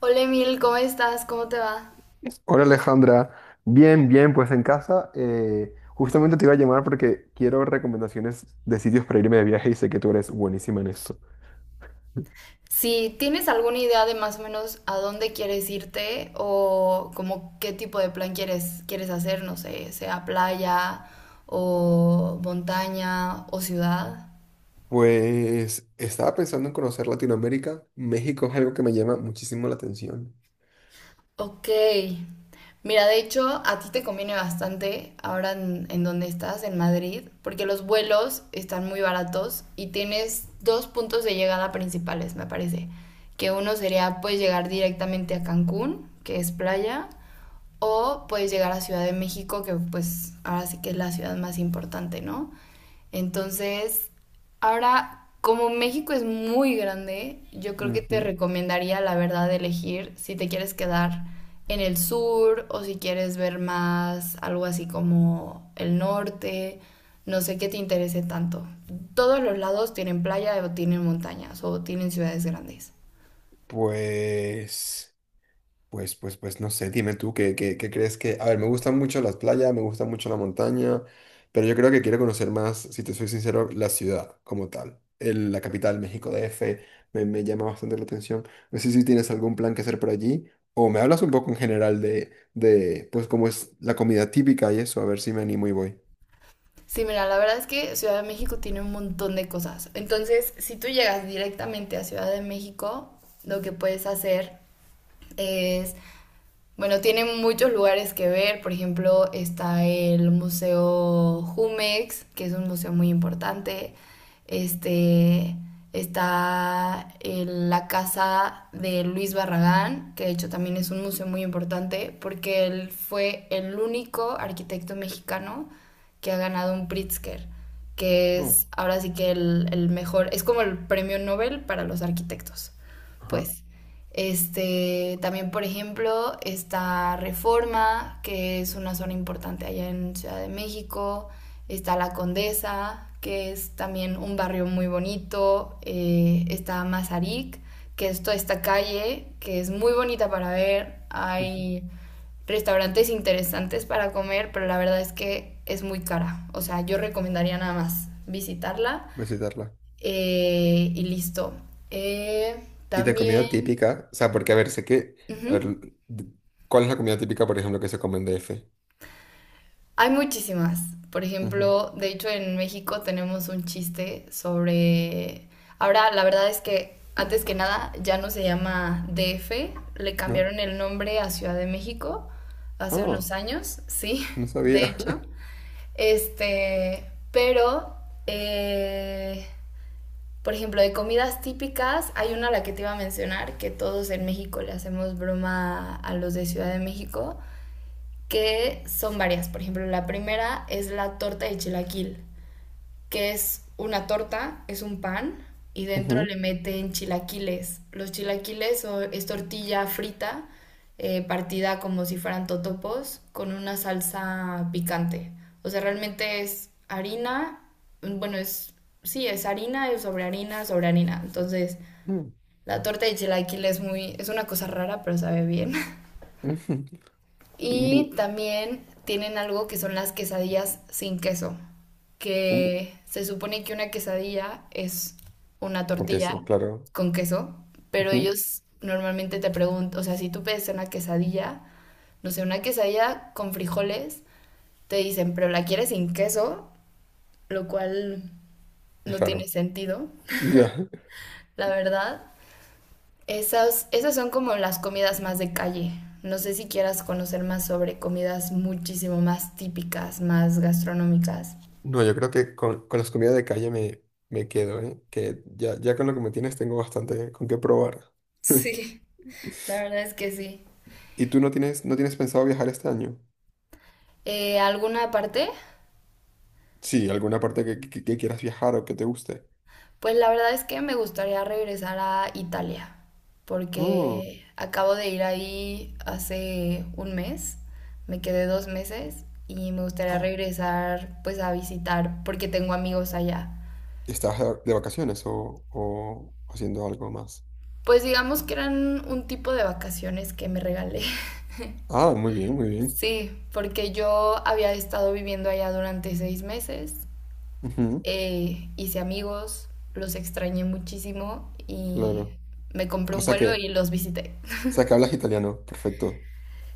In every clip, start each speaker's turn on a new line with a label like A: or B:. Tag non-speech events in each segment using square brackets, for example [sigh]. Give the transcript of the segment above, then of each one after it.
A: Hola Emil, ¿cómo estás? ¿Cómo te va?
B: Hola Alejandra, bien, bien, pues en casa. Justamente te iba a llamar porque quiero recomendaciones de sitios para irme de viaje y sé que tú eres buenísima en esto.
A: Si tienes alguna idea de más o menos a dónde quieres irte o como qué tipo de plan quieres hacer, no sé, sea playa o montaña o ciudad.
B: Pues estaba pensando en conocer Latinoamérica. México es algo que me llama muchísimo la atención.
A: Ok. Mira, de hecho, a ti te conviene bastante ahora en donde estás, en Madrid, porque los vuelos están muy baratos y tienes dos puntos de llegada principales, me parece. Que uno sería, pues, llegar directamente a Cancún, que es playa, o puedes llegar a Ciudad de México, que pues ahora sí que es la ciudad más importante, ¿no? Entonces, ahora, como México es muy grande, yo creo que te
B: Ujú.
A: recomendaría, la verdad, elegir si te quieres quedar en el sur o si quieres ver más algo así como el norte, no sé qué te interese tanto. Todos los lados tienen playa o tienen montañas o tienen ciudades grandes.
B: Pues... Pues no sé, dime tú qué crees que... A ver, me gustan mucho las playas, me gusta mucho la montaña, pero yo creo que quiero conocer más, si te soy sincero, la ciudad como tal. La capital, México DF, me llama bastante la atención. No sé si tienes algún plan que hacer por allí o me hablas un poco en general de pues, cómo es la comida típica y eso, a ver si me animo y voy.
A: Sí, mira, la verdad es que Ciudad de México tiene un montón de cosas. Entonces, si tú llegas directamente a Ciudad de México, lo que puedes hacer es, bueno, tiene muchos lugares que ver, por ejemplo, está el Museo Jumex, que es un museo muy importante. Este, está la casa de Luis Barragán, que de hecho también es un museo muy importante, porque él fue el único arquitecto mexicano que ha ganado un Pritzker, que
B: Oh,
A: es ahora sí que el mejor, es como el premio Nobel para los arquitectos,
B: ajá,
A: pues. Este, también, por ejemplo, está Reforma, que es una zona importante allá en Ciudad de México. Está La Condesa, que es también un barrio muy bonito. Está Mazarik, que es toda esta calle, que es muy bonita para ver.
B: ujú,
A: Hay restaurantes interesantes para comer, pero la verdad es que es muy cara. O sea, yo recomendaría nada más visitarla,
B: visitarla.
A: y listo. Eh,
B: Y de
A: También...
B: comida típica, o sea, porque a ver, sé que... A
A: ujú.
B: ver, ¿cuál es la comida típica, por ejemplo, que se come en DF?
A: Hay muchísimas. Por
B: Ujú,
A: ejemplo, de hecho en México tenemos un chiste sobre... Ahora, la verdad es que antes que nada ya no se llama DF, le
B: ¿no?
A: cambiaron el nombre a Ciudad de México hace unos
B: Ah,
A: años, sí,
B: no
A: [laughs] de
B: sabía.
A: hecho.
B: [laughs]
A: Este, pero, eh, por ejemplo, de comidas típicas, hay una a la que te iba a mencionar, que todos en México le hacemos broma a los de Ciudad de México, que son varias. Por ejemplo, la primera es la torta de chilaquil, que es una torta, es un pan y dentro
B: Ujú,
A: le meten chilaquiles. Los chilaquiles es tortilla frita, partida como si fueran totopos, con una salsa picante. O sea, realmente es harina, bueno, sí, es harina, es sobre harina, sobre harina. Entonces,
B: mm,
A: la torta de chilaquil es una cosa rara, pero sabe bien. [laughs]
B: ujú,
A: Y
B: ujú,
A: también tienen algo que son las quesadillas sin queso,
B: ujú.
A: que se supone que una quesadilla es una
B: Con
A: tortilla
B: queso, claro.
A: con queso, pero
B: Ujú,
A: ellos normalmente te preguntan, o sea, si tú pides una quesadilla, no sé, una quesadilla con frijoles, te dicen, pero la quieres sin queso, lo cual
B: es
A: no tiene
B: raro.
A: sentido,
B: Ya.
A: la verdad. Esas son como las comidas más de calle. No sé si quieras conocer más sobre comidas muchísimo más típicas, más gastronómicas.
B: No, yo creo que con las comidas de calle me quedo, ¿eh? Que ya, ya con lo que me tienes tengo bastante con qué probar. [laughs]
A: Sí. La verdad es que sí.
B: ¿Y tú no tienes, no tienes pensado viajar este año?
A: ¿Alguna parte?
B: Sí, alguna parte que quieras viajar o que te guste.
A: Pues la verdad es que me gustaría regresar a Italia,
B: Oh,
A: porque acabo de ir ahí hace un mes, me quedé dos meses y me gustaría
B: ah,
A: regresar pues a visitar porque tengo amigos allá.
B: ¿estás de vacaciones o haciendo algo más?
A: Pues digamos que eran un tipo de vacaciones que me regalé.
B: Ah, muy bien, muy bien.
A: Sí, porque yo había estado viviendo allá durante seis meses,
B: Ujú,
A: hice amigos, los extrañé muchísimo y
B: claro.
A: me compré
B: O
A: un
B: sea
A: vuelo y
B: que
A: los visité.
B: O sea, que hablas italiano. Perfecto.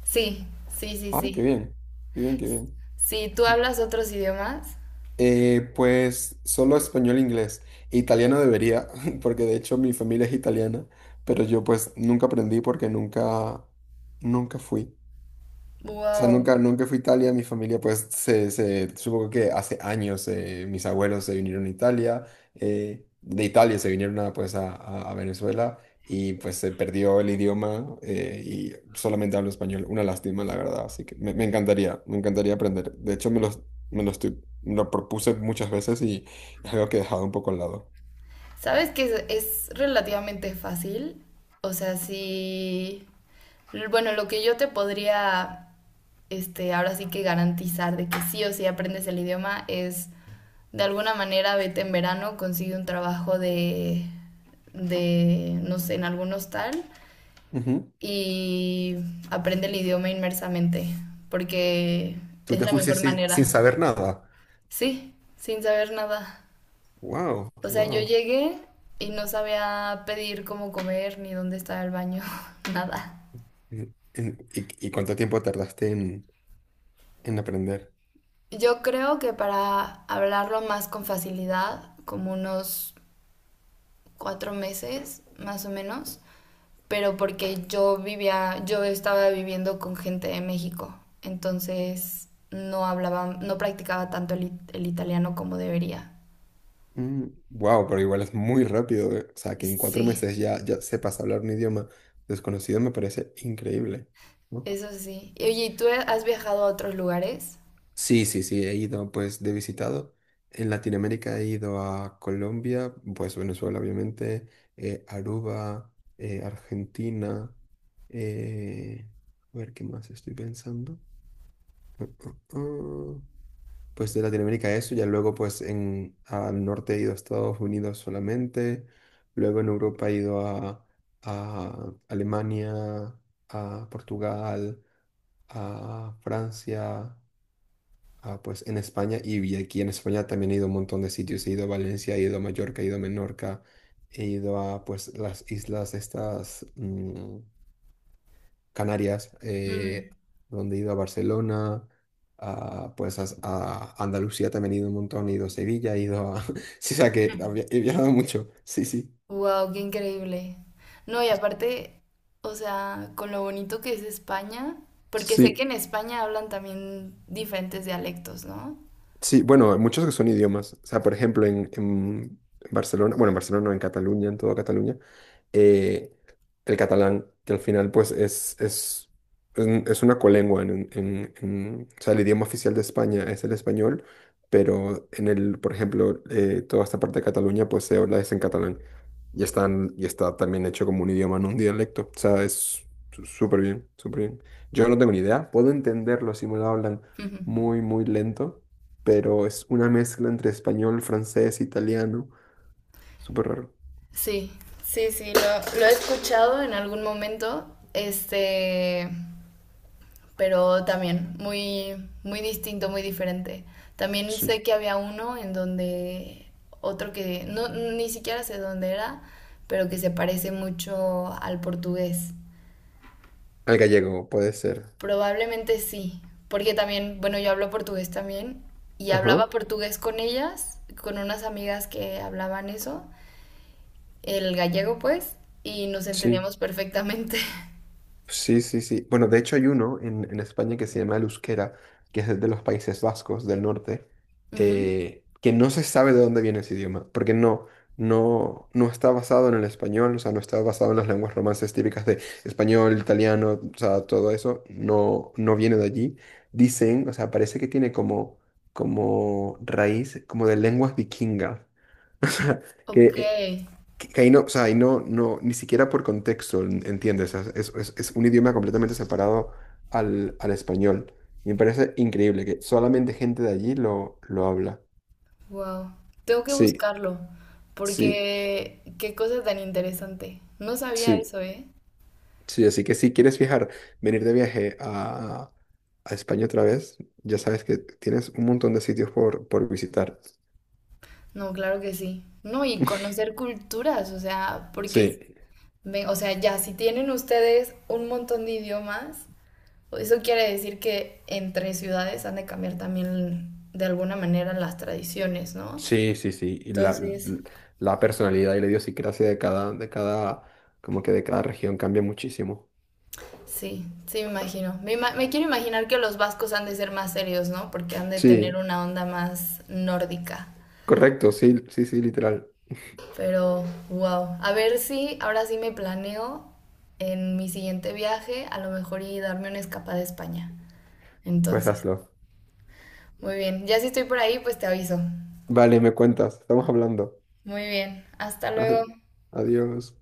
A: Sí, sí, sí,
B: Ah, qué
A: sí.
B: bien. Qué bien, qué bien.
A: Si tú hablas otros idiomas,
B: Pues solo español e inglés. Italiano debería, [laughs] porque de hecho mi familia es italiana, pero yo pues nunca aprendí porque nunca, nunca fui. O sea,
A: wow.
B: nunca, nunca fui a Italia, mi familia pues se supongo que hace años mis abuelos se vinieron a Italia, de Italia se vinieron a, pues a, a Venezuela y pues se perdió el idioma, y solamente hablo español, una lástima la verdad, así que me encantaría aprender. De hecho me los- Me lo propuse muchas veces y es algo que he dejado un poco al lado.
A: ¿Sabes que es relativamente fácil? O sea, sí. Bueno, lo que yo te podría, este, ahora sí que garantizar de que sí o sí aprendes el idioma es de alguna manera vete en verano, consigue un trabajo de no sé, en algún hostal
B: Ujú.
A: y aprende el idioma inmersamente, porque
B: ¿Tú
A: es
B: te
A: la
B: fuiste
A: mejor
B: sin
A: manera.
B: saber nada?
A: Sí, sin saber nada.
B: Wow,
A: O sea, yo
B: wow.
A: llegué y no sabía pedir cómo comer ni dónde estaba el baño, [laughs] nada.
B: ¿Y, y y cuánto tiempo tardaste en aprender?
A: Yo creo que para hablarlo más con facilidad, como unos cuatro meses más o menos, pero porque yo estaba viviendo con gente de México, entonces no practicaba tanto el italiano como debería.
B: Wow, pero igual es muy rápido. O sea, que en cuatro
A: Sí.
B: meses ya, ya sepas hablar un idioma desconocido me parece increíble, ¿no?
A: Eso sí. Y oye, ¿y tú has viajado a otros lugares?
B: Sí, sí, sí, he ido pues de visitado. En Latinoamérica he ido a Colombia, pues Venezuela obviamente, Aruba, Argentina, eh, a ver qué más estoy pensando. Ah, pues de Latinoamérica eso, ya luego pues al norte he ido a Estados Unidos solamente, luego en Europa he ido a Alemania, a Portugal, a Francia, a, pues en España, y aquí en España también he ido a un montón de sitios, he ido a Valencia, he ido a Mallorca, he ido a Menorca, he ido a pues las islas estas, mm, Canarias,
A: Mm.
B: donde he ido a Barcelona, a, pues a Andalucía también he ido un montón, he ido a Sevilla, he ido a... [laughs] Sí, o sea que he
A: [laughs]
B: viajado mucho, sí, sí.
A: Wow, qué increíble. No, y aparte, o sea, con lo bonito que es España, porque sé que
B: Sí.
A: en España hablan también diferentes dialectos, ¿no?
B: Sí, bueno, hay muchos que son idiomas. O sea, por ejemplo, en Barcelona, bueno, en Barcelona, no, en Cataluña, en toda Cataluña, eh, el catalán, que al final, pues, es es una colengua. O sea, el idioma oficial de España es el español, pero en el, por ejemplo, toda esta parte de Cataluña, pues, se habla es en catalán. Y está también hecho como un idioma, no un dialecto. O sea, es súper bien, súper bien. Yo no tengo ni idea. Puedo entenderlo si me lo hablan muy,
A: [laughs]
B: muy lento, pero es una mezcla entre español, francés, italiano, súper raro.
A: Sí, sí, sí, lo he escuchado en algún momento, este, pero también muy, muy distinto, muy diferente. También
B: Sí.
A: sé que había uno en donde otro que no, ni siquiera sé dónde era, pero que se parece mucho al portugués.
B: Al gallego, puede ser.
A: Probablemente sí, porque también, bueno, yo hablo portugués también y
B: Ajá,
A: hablaba portugués con ellas, con unas amigas que hablaban eso, el gallego pues, y nos
B: sí.
A: entendíamos perfectamente. [laughs]
B: Sí, sí, sí. Bueno, de hecho hay uno en España que se llama el euskera, que es de los Países Vascos del norte,
A: Ujú.
B: que no se sabe de dónde viene ese idioma, porque no, no, no está basado en el español, o sea, no está basado en las lenguas romances típicas de español, italiano, o sea, todo eso, no, no viene de allí. Dicen, o sea, parece que tiene como, como raíz, como de lenguas vikingas, que
A: Ok,
B: eh, que ahí no, o sea, ahí no, no, ni siquiera por contexto, ¿entiendes? Es un idioma completamente separado al, al español. Y me parece increíble que solamente gente de allí lo habla.
A: wow. Tengo que
B: Sí,
A: buscarlo
B: sí,
A: porque qué cosa tan interesante. No sabía
B: sí,
A: eso, ¿eh?
B: sí. Así que si quieres viajar, venir de viaje a España otra vez, ya sabes que tienes un montón de sitios por visitar.
A: No, claro que sí. No, y
B: [laughs]
A: conocer culturas, o sea, porque,
B: Sí,
A: o sea, ya, si tienen ustedes un montón de idiomas, eso quiere decir que entre ciudades han de cambiar también de alguna manera las tradiciones, ¿no?
B: sí, sí, sí. Y la,
A: Entonces,
B: la personalidad y la idiosincrasia de cada, como que de cada región cambia muchísimo.
A: sí, sí, me imagino. Me quiero imaginar que los vascos han de ser más serios, ¿no? Porque han de tener
B: Sí.
A: una onda más nórdica.
B: Correcto, sí, sí, sí, literal.
A: Pero, wow. A ver si ahora sí me planeo en mi siguiente viaje, a lo mejor y darme una escapada a España.
B: Pues
A: Entonces,
B: hazlo.
A: muy bien. Ya si estoy por ahí, pues te aviso.
B: Vale, me cuentas, estamos hablando.
A: Muy bien. Hasta luego.
B: [laughs] Adiós.